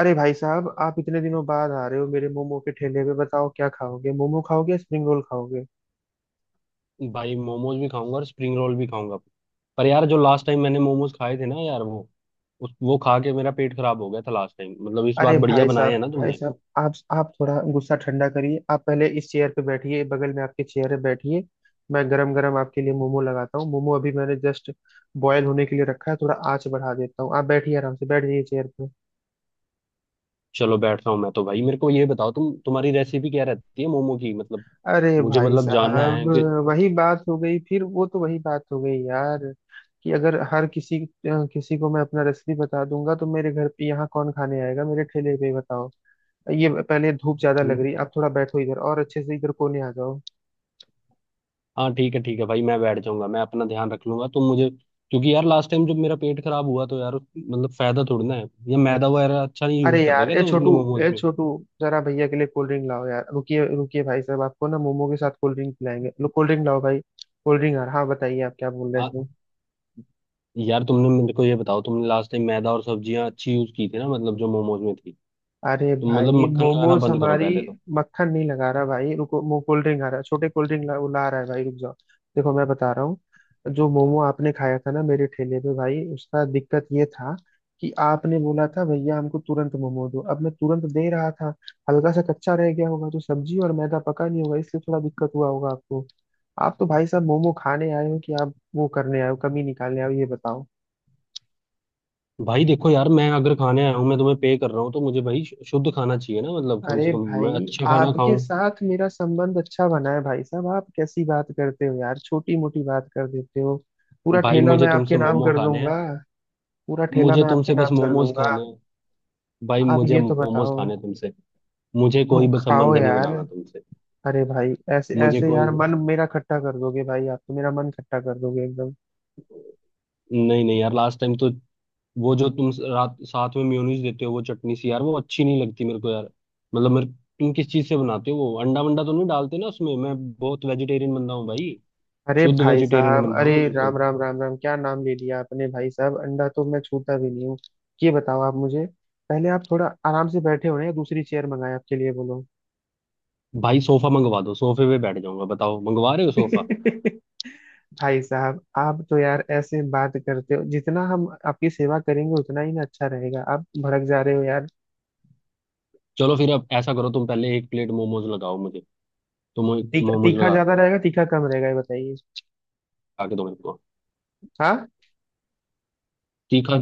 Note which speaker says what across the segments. Speaker 1: अरे भाई साहब, आप इतने दिनों बाद आ रहे हो मेरे मोमो के ठेले पे। बताओ, क्या खाओगे? मोमो खाओगे या स्प्रिंग रोल खाओगे?
Speaker 2: भाई मोमोज भी खाऊंगा और स्प्रिंग रोल भी खाऊंगा। पर यार जो लास्ट टाइम मैंने मोमोज खाए थे ना यार वो उस वो खा के मेरा पेट खराब हो गया था लास्ट टाइम। मतलब इस
Speaker 1: अरे
Speaker 2: बार बढ़िया
Speaker 1: भाई
Speaker 2: बनाए
Speaker 1: साहब,
Speaker 2: हैं ना
Speaker 1: भाई
Speaker 2: तुमने?
Speaker 1: साहब, आप थोड़ा गुस्सा ठंडा करिए। आप पहले इस चेयर पे बैठिए। बगल में आपके चेयर है, बैठिए। मैं गरम गरम आपके लिए मोमो लगाता हूँ। मोमो अभी मैंने जस्ट बॉयल होने के लिए रखा है। थोड़ा आंच बढ़ा देता हूँ, आप बैठिए, आराम से बैठ जाइए चेयर पे।
Speaker 2: चलो बैठ रहा हूँ मैं तो। भाई मेरे को ये बताओ तुम्हारी रेसिपी क्या रहती है मोमो की? मतलब
Speaker 1: अरे
Speaker 2: मुझे
Speaker 1: भाई
Speaker 2: मतलब जानना
Speaker 1: साहब,
Speaker 2: है कि।
Speaker 1: वही बात हो गई फिर। वो तो वही बात हो गई यार कि अगर हर किसी किसी को मैं अपना रेसिपी बता दूंगा तो मेरे घर पे यहाँ कौन खाने आएगा, मेरे ठेले पे? बताओ। ये पहले धूप ज्यादा लग रही, आप थोड़ा बैठो इधर और अच्छे से इधर कोने आ जाओ।
Speaker 2: हाँ ठीक है भाई मैं बैठ जाऊंगा, मैं अपना ध्यान रख लूंगा। तुम मुझे, क्योंकि यार लास्ट टाइम जब मेरा पेट खराब हुआ तो यार मतलब फायदा थोड़ी ना है, या मैदा वगैरह अच्छा नहीं
Speaker 1: अरे
Speaker 2: यूज कर रहे
Speaker 1: यार,
Speaker 2: क्या
Speaker 1: ए
Speaker 2: तुम अपने
Speaker 1: छोटू,
Speaker 2: मोमोज
Speaker 1: ए
Speaker 2: में?
Speaker 1: छोटू, जरा भैया के लिए कोल्ड ड्रिंक लाओ यार। रुकिए रुकिए भाई साहब, आपको ना मोमो के साथ कोल्ड ड्रिंक पिलाएंगे। लो कोल्ड ड्रिंक लाओ भाई, कोल्ड ड्रिंक यार। हाँ, बताइए आप क्या बोल रहे
Speaker 2: हाँ,
Speaker 1: थे?
Speaker 2: यार तुमने मेरे को ये बताओ, तुमने लास्ट टाइम मैदा और सब्जियां अच्छी यूज की थी ना, मतलब जो मोमोज में थी।
Speaker 1: अरे
Speaker 2: तुम मतलब
Speaker 1: भाई,
Speaker 2: मक्खन लगाना
Speaker 1: मोमोज
Speaker 2: बंद करो
Speaker 1: हमारी।
Speaker 2: पहले तो।
Speaker 1: मक्खन नहीं लगा रहा भाई, रुको। मो कोल्ड ड्रिंक आ रहा है। छोटे, कोल्ड ड्रिंक ला, वो ला रहा है भाई, रुक जाओ। देखो, मैं बता रहा हूँ, जो मोमो आपने खाया था ना मेरे ठेले पे भाई, उसका दिक्कत ये था कि आपने बोला था भैया हमको तुरंत मोमो दो। अब मैं तुरंत दे रहा था, हल्का सा कच्चा रह गया होगा, तो सब्जी और मैदा पका नहीं होगा, इसलिए थोड़ा दिक्कत हुआ होगा आपको। आप तो भाई साहब मोमो खाने आए हो कि आप वो करने आए हो, कमी निकालने आए हो? ये बताओ।
Speaker 2: भाई देखो यार मैं अगर खाने आया हूँ, मैं तुम्हें पे कर रहा हूँ तो मुझे भाई शुद्ध खाना चाहिए ना, मतलब कम
Speaker 1: अरे
Speaker 2: से कम मैं
Speaker 1: भाई,
Speaker 2: अच्छा खाना
Speaker 1: आपके
Speaker 2: खाऊं।
Speaker 1: साथ मेरा संबंध अच्छा बना है भाई साहब, आप कैसी बात करते हो यार, छोटी मोटी बात कर देते हो। पूरा
Speaker 2: भाई
Speaker 1: ठेला मैं
Speaker 2: मुझे तुमसे
Speaker 1: आपके नाम
Speaker 2: मोमो
Speaker 1: कर
Speaker 2: खाने हैं।
Speaker 1: दूंगा। पूरा ठेला
Speaker 2: मुझे
Speaker 1: मैं आपके
Speaker 2: तुमसे बस
Speaker 1: नाम कर
Speaker 2: मोमोज
Speaker 1: दूंगा।
Speaker 2: खाने हैं। भाई
Speaker 1: आप
Speaker 2: मुझे
Speaker 1: ये तो
Speaker 2: मोमोज
Speaker 1: बताओ।
Speaker 2: खाने हैं तुमसे। मुझे
Speaker 1: तुम
Speaker 2: कोई बस
Speaker 1: खाओ
Speaker 2: संबंध नहीं
Speaker 1: यार।
Speaker 2: बनाना तुमसे।
Speaker 1: अरे भाई, ऐसे
Speaker 2: मुझे
Speaker 1: ऐसे
Speaker 2: कोई
Speaker 1: यार मन मेरा खट्टा कर दोगे भाई, आप तो मेरा मन खट्टा कर दोगे एकदम।
Speaker 2: नहीं नहीं यार, लास्ट टाइम तो वो जो तुम रात साथ में मेयोनीज देते हो, वो चटनी सी यार वो अच्छी नहीं लगती मेरे को यार। मतलब मेरे, तुम किस चीज से बनाते हो? वो अंडा वंडा तो नहीं डालते ना उसमें? मैं बहुत वेजिटेरियन बंदा हूँ भाई,
Speaker 1: अरे
Speaker 2: शुद्ध
Speaker 1: भाई
Speaker 2: वेजिटेरियन
Speaker 1: साहब,
Speaker 2: बंदा
Speaker 1: अरे
Speaker 2: हूँ मैं
Speaker 1: राम
Speaker 2: बिल्कुल।
Speaker 1: राम राम राम, क्या नाम ले लिया आपने भाई साहब, अंडा तो मैं छूता भी नहीं हूँ। ये बताओ आप मुझे, पहले आप थोड़ा आराम से बैठे हो ना, या दूसरी चेयर मंगाए आपके लिए? बोलो।
Speaker 2: भाई सोफा मंगवा दो, सोफे पे बैठ जाऊंगा। बताओ मंगवा रहे हो सोफा?
Speaker 1: भाई साहब आप तो यार ऐसे बात करते हो, जितना हम आपकी सेवा करेंगे उतना ही ना अच्छा रहेगा, आप भड़क जा रहे हो यार।
Speaker 2: चलो फिर अब ऐसा करो, तुम पहले एक प्लेट मोमोज लगाओ मुझे। तुम
Speaker 1: तीखा
Speaker 2: मोमोज
Speaker 1: तीखा
Speaker 2: लगा
Speaker 1: ज्यादा रहेगा, तीखा कम रहेगा, ये बताइए।
Speaker 2: लगा के दो मेरे को।
Speaker 1: हाँ।
Speaker 2: तीखा,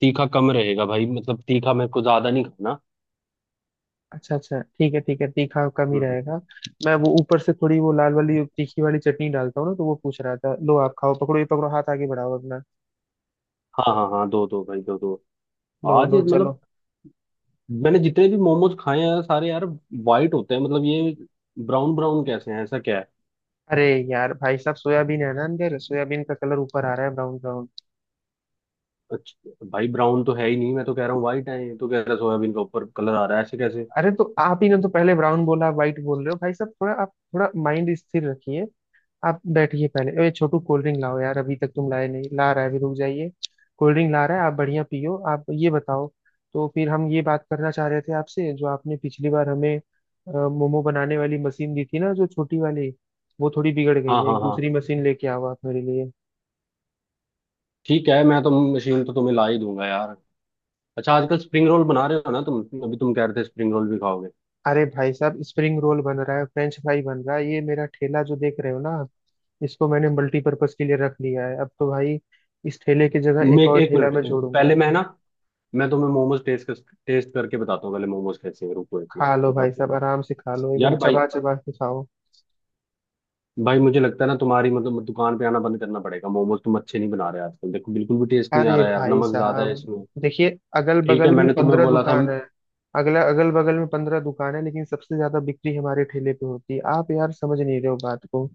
Speaker 2: तीखा कम रहेगा भाई। मतलब तीखा मेरे को ज्यादा नहीं खाना।
Speaker 1: अच्छा अच्छा, ठीक है ठीक है, तीखा कम ही
Speaker 2: हम्म।
Speaker 1: रहेगा। मैं वो ऊपर से थोड़ी वो लाल वाली तीखी वाली चटनी डालता हूँ ना, तो वो पूछ रहा था। लो आप खाओ, पकड़ो ये, पकड़ो, हाथ आगे बढ़ाओ अपना।
Speaker 2: हाँ हाँ हाँ, दो दो भाई दो दो।
Speaker 1: लो
Speaker 2: आज
Speaker 1: लो
Speaker 2: ये मतलब
Speaker 1: चलो।
Speaker 2: मैंने जितने भी मोमोज खाए हैं सारे यार वाइट होते हैं, मतलब ये ब्राउन ब्राउन कैसे हैं, ऐसा क्या है?
Speaker 1: अरे यार भाई साहब, सोयाबीन है ना अंदर, सोयाबीन का कलर ऊपर आ रहा है ब्राउन ब्राउन।
Speaker 2: अच्छा भाई ब्राउन तो है ही नहीं, मैं तो कह रहा हूँ वाइट है, ये तो कह रहा है सोयाबीन के ऊपर कलर आ रहा है, ऐसे कैसे?
Speaker 1: अरे तो आप ही ने तो पहले ब्राउन बोला, व्हाइट बोल रहे हो भाई साहब, थोड़ा आप थोड़ा माइंड स्थिर रखिए। आप बैठिए पहले। ए छोटू, कोल्ड ड्रिंक लाओ यार, अभी तक तुम लाए नहीं। ला रहा है अभी, रुक जाइए। कोल्ड ड्रिंक ला रहा है, आप बढ़िया पियो। आप ये बताओ, तो फिर हम ये बात करना चाह रहे थे आपसे, जो आपने पिछली बार हमें मोमो बनाने वाली मशीन दी थी ना, जो छोटी वाली, वो थोड़ी बिगड़ गई
Speaker 2: हाँ
Speaker 1: है।
Speaker 2: हाँ
Speaker 1: एक
Speaker 2: हाँ,
Speaker 1: दूसरी मशीन लेके आओ आप मेरे लिए।
Speaker 2: ठीक है मैं तो मशीन तो तुम्हें ला ही दूंगा यार। अच्छा आजकल स्प्रिंग रोल बना रहे हो ना तुम, अभी तुम कह रहे थे स्प्रिंग रोल भी खाओगे।
Speaker 1: अरे भाई साहब, स्प्रिंग रोल बन रहा है, फ्रेंच फ्राई बन रहा है। ये मेरा ठेला जो देख रहे हो ना आप, इसको मैंने मल्टीपर्पज के लिए रख लिया है। अब तो भाई इस ठेले की जगह
Speaker 2: मैं
Speaker 1: एक
Speaker 2: एक
Speaker 1: और
Speaker 2: एक
Speaker 1: ठेला
Speaker 2: मिनट,
Speaker 1: मैं जोड़ूंगा।
Speaker 2: पहले मैं ना, मैं तुम्हें मोमोज टेस्ट टेस्ट करके बताता हूँ पहले, मोमोज कैसे हैं, रुको एक
Speaker 1: खा
Speaker 2: मिनट,
Speaker 1: लो भाई
Speaker 2: मतलब।
Speaker 1: साहब, आराम से खा लो, एकदम
Speaker 2: यार भाई
Speaker 1: चबा चबा के खाओ।
Speaker 2: भाई मुझे लगता है ना तुम्हारी मतलब दुकान पे आना बंद करना पड़ेगा। मोमोज तुम अच्छे नहीं बना रहे आजकल, देखो बिल्कुल भी टेस्ट नहीं आ
Speaker 1: अरे
Speaker 2: रहा है यार,
Speaker 1: भाई
Speaker 2: नमक ज्यादा
Speaker 1: साहब,
Speaker 2: है इसमें।
Speaker 1: देखिए, अगल
Speaker 2: ठीक है,
Speaker 1: बगल में
Speaker 2: मैंने तुम्हें
Speaker 1: 15
Speaker 2: बोला था।
Speaker 1: दुकान है। अगल बगल में पंद्रह दुकान है, लेकिन सबसे ज्यादा बिक्री हमारे ठेले पे होती है। आप यार समझ नहीं रहे हो बात को,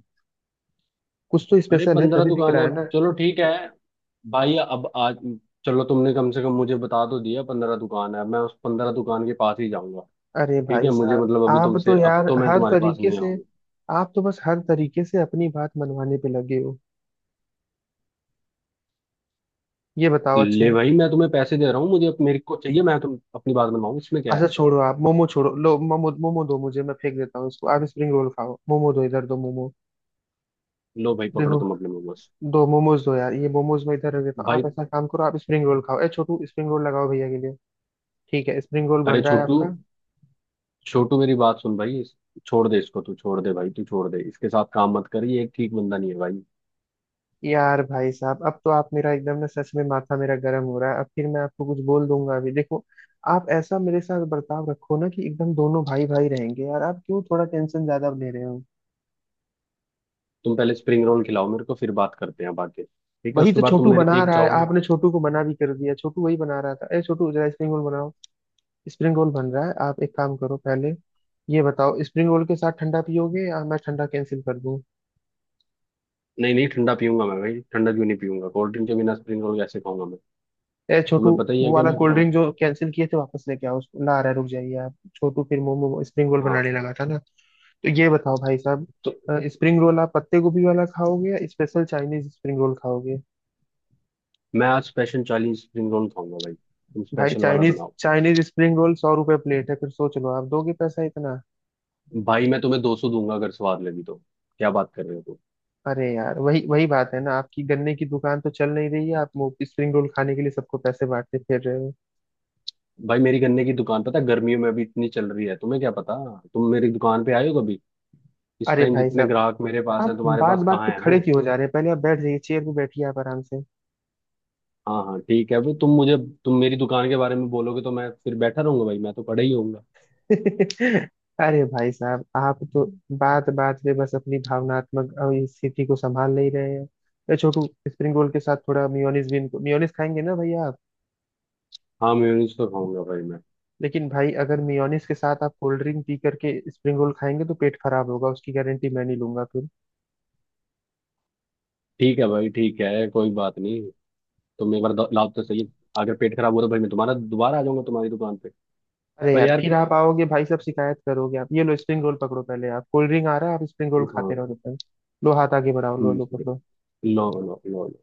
Speaker 1: कुछ तो
Speaker 2: अरे
Speaker 1: स्पेशल है
Speaker 2: पंद्रह
Speaker 1: तभी बिक
Speaker 2: दुकान
Speaker 1: रहा
Speaker 2: है,
Speaker 1: है ना।
Speaker 2: चलो ठीक है भाई। अब आज चलो तुमने कम से कम मुझे बता तो दिया 15 दुकान है, मैं उस 15 दुकान के पास ही जाऊंगा।
Speaker 1: अरे
Speaker 2: ठीक
Speaker 1: भाई
Speaker 2: है, मुझे
Speaker 1: साहब,
Speaker 2: मतलब अभी
Speaker 1: आप
Speaker 2: तुमसे,
Speaker 1: तो
Speaker 2: अब
Speaker 1: यार
Speaker 2: तो मैं
Speaker 1: हर
Speaker 2: तुम्हारे पास
Speaker 1: तरीके
Speaker 2: नहीं
Speaker 1: से।
Speaker 2: आऊंगा।
Speaker 1: आप तो बस हर तरीके से अपनी बात मनवाने पे लगे हो। ये बताओ।
Speaker 2: ले
Speaker 1: अच्छा
Speaker 2: भाई मैं तुम्हें पैसे दे रहा हूँ, मुझे मेरे को चाहिए, मैं तुम अपनी बात मनवाऊँ इसमें क्या है?
Speaker 1: अच्छा, छोड़ो आप मोमो छोड़ो। लो मोमो, मोमो दो मुझे, मैं फेंक देता हूँ इसको, आप स्प्रिंग रोल खाओ। मोमो दो इधर, दो मोमो।
Speaker 2: लो भाई पकड़ो
Speaker 1: देखो,
Speaker 2: तुम अपने मोमोज।
Speaker 1: दो मोमोज दो यार, ये मोमोज मैं इधर रख देता हूँ।
Speaker 2: भाई
Speaker 1: आप ऐसा काम करो, आप स्प्रिंग रोल खाओ। ए छोटू स्प्रिंग रोल लगाओ भैया के लिए। ठीक है, स्प्रिंग रोल
Speaker 2: अरे
Speaker 1: बन रहा है
Speaker 2: छोटू,
Speaker 1: आपका।
Speaker 2: छोटू मेरी बात सुन भाई, छोड़ दे इसको, तू छोड़ दे भाई, तू छोड़ दे, इसके साथ काम मत कर, ये एक ठीक बंदा नहीं है भाई।
Speaker 1: यार भाई साहब, अब तो आप मेरा एकदम ना, सच में माथा मेरा गर्म हो रहा है। अब फिर मैं आपको कुछ बोल दूंगा अभी, देखो। आप ऐसा मेरे साथ बर्ताव रखो ना कि एकदम दोनों भाई भाई रहेंगे यार। आप क्यों थोड़ा टेंशन ज्यादा ले रहे हो?
Speaker 2: तुम पहले स्प्रिंग रोल खिलाओ मेरे को फिर बात करते हैं बाकी, ठीक है
Speaker 1: वही
Speaker 2: उसके
Speaker 1: तो
Speaker 2: बाद तुम
Speaker 1: छोटू
Speaker 2: मेरे
Speaker 1: बना
Speaker 2: एक
Speaker 1: रहा है।
Speaker 2: चाव में।
Speaker 1: आपने छोटू को मना भी कर दिया। छोटू वही बना रहा था। ए छोटू, जरा स्प्रिंग रोल बनाओ। स्प्रिंग रोल बन रहा है। आप एक काम करो पहले। ये बताओ, स्प्रिंग रोल के साथ ठंडा पियोगे या मैं ठंडा कैंसिल कर दूं?
Speaker 2: नहीं नहीं, ठंडा पीऊंगा मैं भाई, ठंडा क्यों नहीं पीऊंगा? कोल्ड ड्रिंक के बिना स्प्रिंग रोल कैसे खाऊंगा मैं?
Speaker 1: ए छोटू,
Speaker 2: तुम्हें पता ही
Speaker 1: वो
Speaker 2: है कि
Speaker 1: वाला
Speaker 2: मैं
Speaker 1: कोल्ड
Speaker 2: थोड़ा।
Speaker 1: ड्रिंक जो कैंसिल किए थे, वापस लेके आओ उसको, ला। आ रहा है, रुक जाइए आप। छोटू फिर मोमो स्प्रिंग रोल
Speaker 2: हाँ।
Speaker 1: बनाने लगा था ना। तो ये बताओ भाई साहब,
Speaker 2: तो
Speaker 1: स्प्रिंग रोल आप पत्ते गोभी वाला खाओगे या स्पेशल चाइनीज स्प्रिंग रोल खाओगे?
Speaker 2: मैं आज स्पेशल 40 स्प्रिंग रोल खाऊंगा भाई, तुम
Speaker 1: भाई,
Speaker 2: स्पेशल वाला
Speaker 1: चाइनीज
Speaker 2: बनाओ।
Speaker 1: चाइनीज स्प्रिंग रोल 100 रुपए प्लेट है, फिर सोच लो, आप दोगे पैसा इतना?
Speaker 2: भाई मैं तुम्हें 200 दूंगा अगर स्वाद लगी तो। क्या बात कर रहे हो तुम?
Speaker 1: अरे यार, वही वही बात है ना, आपकी गन्ने की दुकान तो चल नहीं रही है, आप वो स्प्रिंग रोल खाने के लिए सबको पैसे बांटते फिर रहे हो।
Speaker 2: भाई मेरी गन्ने की दुकान पता है, गर्मियों में अभी इतनी चल रही है तुम्हें क्या पता। तुम मेरी दुकान पे आए हो? इस
Speaker 1: अरे
Speaker 2: टाइम
Speaker 1: भाई
Speaker 2: जितने
Speaker 1: साहब,
Speaker 2: ग्राहक मेरे पास
Speaker 1: आप
Speaker 2: हैं तुम्हारे
Speaker 1: बात
Speaker 2: पास
Speaker 1: बात पे
Speaker 2: कहाँ है वो।
Speaker 1: खड़े क्यों हो जा रहे हैं? पहले आप बैठ जाइए चेयर पे, बैठिए आप आराम से।
Speaker 2: हाँ हाँ ठीक है, अभी तुम मुझे, तुम मेरी दुकान के बारे में बोलोगे तो मैं फिर बैठा रहूंगा भाई, मैं तो पड़ा ही होऊंगा।
Speaker 1: अरे भाई साहब, आप तो बात बात पे बस अपनी भावनात्मक स्थिति को संभाल नहीं रहे हैं। अरे छोटू, स्प्रिंग रोल के साथ थोड़ा मियोनीज भी। इनको मियोनीज खाएंगे ना, भैया आप?
Speaker 2: हाँ मेयोनीज तो खाऊंगा भाई मैं।
Speaker 1: लेकिन भाई, अगर मियोनीज के साथ आप कोल्ड ड्रिंक पी करके स्प्रिंग रोल खाएंगे तो पेट खराब होगा, उसकी गारंटी मैं नहीं लूंगा फिर।
Speaker 2: ठीक है भाई ठीक है कोई बात नहीं, तुम एक बार लाओ तो सही। अगर पेट खराब हो तो भाई मैं तुम्हारा दोबारा आ जाऊंगा तुम्हारी दुकान पे।
Speaker 1: अरे
Speaker 2: पर
Speaker 1: यार,
Speaker 2: यार,
Speaker 1: फिर आप आओगे भाई साहब, शिकायत करोगे। आप ये लो स्प्रिंग रोल पकड़ो पहले, आप कोल्ड ड्रिंक आ रहा है, आप स्प्रिंग रोल खाते
Speaker 2: हाँ,
Speaker 1: रहो जब तक। लो हाथ आगे बढ़ाओ, लो लो
Speaker 2: हम्म,
Speaker 1: पकड़ो।
Speaker 2: लो लो लो लो।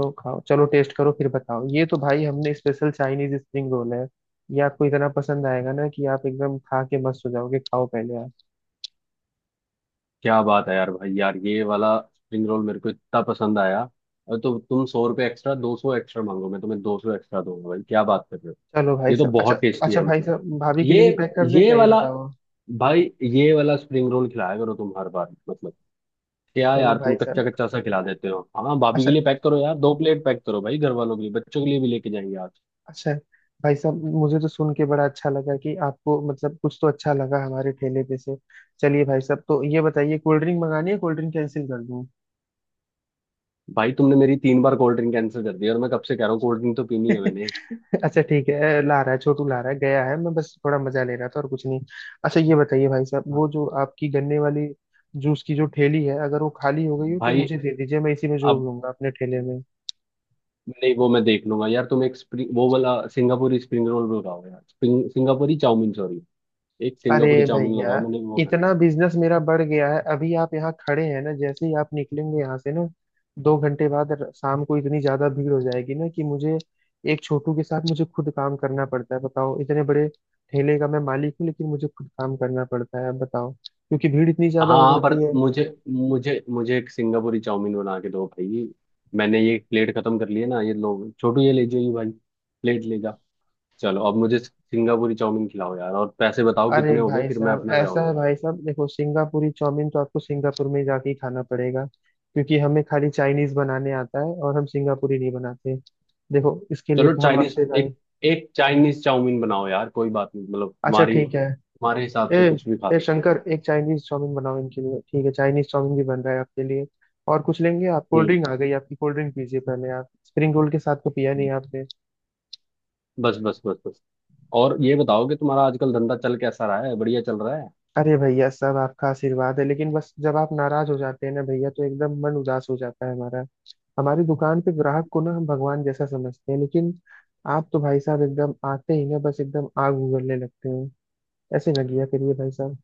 Speaker 1: लो खाओ, चलो टेस्ट करो, फिर बताओ। ये तो भाई हमने स्पेशल चाइनीज स्प्रिंग रोल है। ये आपको इतना पसंद आएगा ना कि आप एकदम खा के मस्त हो जाओगे। खाओ पहले आप।
Speaker 2: क्या बात है यार भाई, यार ये वाला स्प्रिंग रोल मेरे को इतना पसंद आया। और तो तुम 100 रुपये एक्स्ट्रा, 200 एक्स्ट्रा मांगो, मैं तुम्हें दो सौ एक्स्ट्रा दूंगा भाई, क्या बात कर रहे हो?
Speaker 1: चलो भाई
Speaker 2: ये तो
Speaker 1: साहब, अच्छा।
Speaker 2: बहुत टेस्टी
Speaker 1: अच्छा
Speaker 2: है
Speaker 1: भाई
Speaker 2: मतलब।
Speaker 1: साहब, भाभी के लिए
Speaker 2: ये
Speaker 1: भी पैक कर दें
Speaker 2: ये
Speaker 1: क्या, ये
Speaker 2: वाला
Speaker 1: बताओ?
Speaker 2: भाई, ये वाला स्प्रिंग रोल खिलाया करो तुम हर बार। मतलब क्या
Speaker 1: चलो
Speaker 2: यार, तुम
Speaker 1: भाई
Speaker 2: कच्चा
Speaker 1: साहब,
Speaker 2: कच्चा सा खिला देते हो। हाँ भाभी
Speaker 1: अच्छा।
Speaker 2: के लिए पैक करो यार, दो प्लेट पैक करो भाई, घर वालों के लिए बच्चों के लिए भी लेके जाएंगे आज।
Speaker 1: अच्छा भाई साहब, मुझे तो सुन के बड़ा अच्छा लगा कि आपको मतलब कुछ तो अच्छा लगा हमारे ठेले पे से। चलिए भाई साहब, तो ये बताइए, कोल्ड ड्रिंक मंगानी है, कोल्ड ड्रिंक कैंसिल कर दूं?
Speaker 2: भाई तुमने मेरी 3 बार कोल्ड ड्रिंक कैंसिल कर दी और मैं कब से कह रहा हूँ कोल्ड ड्रिंक तो पीनी है मैंने।
Speaker 1: अच्छा ठीक है, ला रहा है छोटू, ला रहा है, गया है, मैं बस थोड़ा मजा ले रहा था, और कुछ नहीं। अच्छा ये बताइए भाई साहब,
Speaker 2: हाँ।
Speaker 1: वो जो आपकी गन्ने वाली जूस की जो ठेली है, अगर वो खाली हो गई हो तो
Speaker 2: भाई
Speaker 1: मुझे दे दीजिए, मैं इसी में जोड़
Speaker 2: अब,
Speaker 1: लूंगा अपने ठेले में।
Speaker 2: नहीं वो मैं देख लूंगा यार, तुम एक स्प्रिंग वो वाला सिंगापुरी स्प्रिंग रोल भी लगाओ यार, स्प्रिंग सिंगापुरी चाउमीन सॉरी एक
Speaker 1: अरे
Speaker 2: सिंगापुरी चाउमीन
Speaker 1: भैया,
Speaker 2: लगाओ, मैंने वो।
Speaker 1: इतना बिजनेस मेरा बढ़ गया है, अभी आप यहाँ खड़े हैं ना, जैसे ही आप निकलेंगे यहाँ से ना, 2 घंटे बाद शाम को इतनी ज्यादा भीड़ हो जाएगी ना, कि मुझे एक छोटू के साथ मुझे खुद काम करना पड़ता है। बताओ, इतने बड़े ठेले का मैं मालिक हूँ, लेकिन मुझे खुद काम करना पड़ता है। आप बताओ, क्योंकि भीड़ इतनी ज्यादा हो
Speaker 2: हाँ पर
Speaker 1: जाती है।
Speaker 2: मुझे मुझे मुझे एक सिंगापुरी चाउमीन बना के दो भाई। मैंने ये प्लेट खत्म कर लिया ना, ये लोग छोटू ये ले जाइए, ये भाई प्लेट ले जा। चलो अब मुझे सिंगापुरी चाउमीन खिलाओ यार, और पैसे बताओ
Speaker 1: अरे
Speaker 2: कितने हो गए,
Speaker 1: भाई
Speaker 2: फिर मैं
Speaker 1: साहब,
Speaker 2: अपना
Speaker 1: ऐसा
Speaker 2: जाऊंगा
Speaker 1: है
Speaker 2: यार।
Speaker 1: भाई साहब, देखो, सिंगापुरी चाउमीन तो आपको सिंगापुर में जाके ही खाना पड़ेगा, क्योंकि हमें खाली चाइनीज बनाने आता है और हम सिंगापुरी नहीं बनाते। देखो, इसके लिए
Speaker 2: चलो
Speaker 1: तो हम
Speaker 2: चाइनीज
Speaker 1: आपसे भाई।
Speaker 2: एक एक चाइनीज चाउमीन बनाओ यार कोई बात नहीं, मतलब
Speaker 1: अच्छा
Speaker 2: तुम्हारी
Speaker 1: ठीक है।
Speaker 2: तुम्हारे हिसाब
Speaker 1: ए
Speaker 2: से कुछ भी खा
Speaker 1: ए
Speaker 2: सकते हैं।
Speaker 1: शंकर, एक चाइनीज चाउमीन बनाओ इनके लिए। ठीक है, चाइनीज चाउमीन भी बन रहा है आपके लिए। और कुछ लेंगे आप? कोल्ड
Speaker 2: हम्म,
Speaker 1: ड्रिंक आ गई आपकी, कोल्ड ड्रिंक पीजिए पहले आप, स्प्रिंग रोल के साथ तो पिया नहीं आपने।
Speaker 2: बस बस बस बस। और ये बताओ कि तुम्हारा आजकल धंधा चल कैसा रहा है, बढ़िया चल रहा है?
Speaker 1: अरे भैया, सब आपका आशीर्वाद है, लेकिन बस जब आप नाराज हो जाते हैं ना भैया, तो एकदम मन उदास हो जाता है हमारा। हमारी दुकान पे ग्राहक को ना हम भगवान जैसा समझते हैं, लेकिन आप तो भाई साहब एकदम आते ही ना बस एकदम आग उगलने लगते हैं। ऐसे ना किया करिए भाई साहब।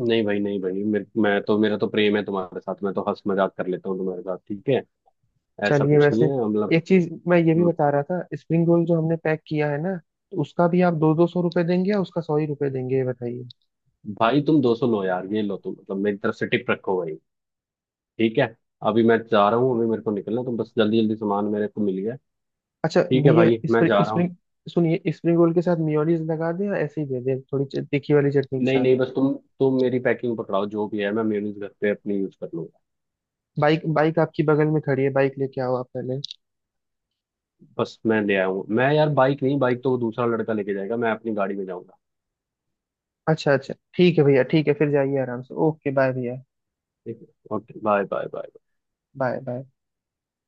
Speaker 2: नहीं भाई नहीं भाई मेरे, मैं तो, मेरा तो प्रेम है तुम्हारे साथ, मैं तो हंस मजाक कर लेता हूँ तुम्हारे साथ, ठीक है? ऐसा
Speaker 1: चलिए
Speaker 2: कुछ नहीं
Speaker 1: वैसे,
Speaker 2: है मतलब।
Speaker 1: एक चीज मैं ये भी
Speaker 2: हम्म।
Speaker 1: बता रहा था, स्प्रिंग रोल जो हमने पैक किया है ना, तो उसका भी आप दो दो सौ रुपए देंगे या उसका सौ ही रुपए देंगे, ये बताइए?
Speaker 2: भाई तुम 200 लो यार, ये लो तुम मतलब मेरी तरफ से टिप रखो भाई। ठीक है, अभी मैं जा रहा हूँ, अभी मेरे को निकलना है, तो बस जल्दी जल्दी सामान मेरे को मिल गया।
Speaker 1: अच्छा
Speaker 2: ठीक है
Speaker 1: भैया,
Speaker 2: भाई मैं जा
Speaker 1: स्प्रिंग
Speaker 2: रहा हूँ।
Speaker 1: स्प्रिंग सुनिए, स्प्रिंग रोल के साथ मियोनीज लगा दें या ऐसे ही दे दें थोड़ी तीखी वाली चटनी के
Speaker 2: नहीं
Speaker 1: साथ?
Speaker 2: नहीं बस तुम मेरी पैकिंग पकड़ाओ जो भी है, मैं मेयूनीज घर पे अपनी यूज कर लूंगा।
Speaker 1: बाइक बाइक आपकी बगल में खड़ी है, बाइक लेके आओ आप पहले।
Speaker 2: बस मैं ले आया हूँ मैं यार, बाइक नहीं, बाइक तो वो दूसरा लड़का लेके जाएगा, मैं अपनी गाड़ी में जाऊंगा।
Speaker 1: अच्छा अच्छा ठीक है भैया, ठीक है फिर, जाइए आराम से। ओके बाय भैया।
Speaker 2: ठीक है, okay bye bye bye.
Speaker 1: Bye bye.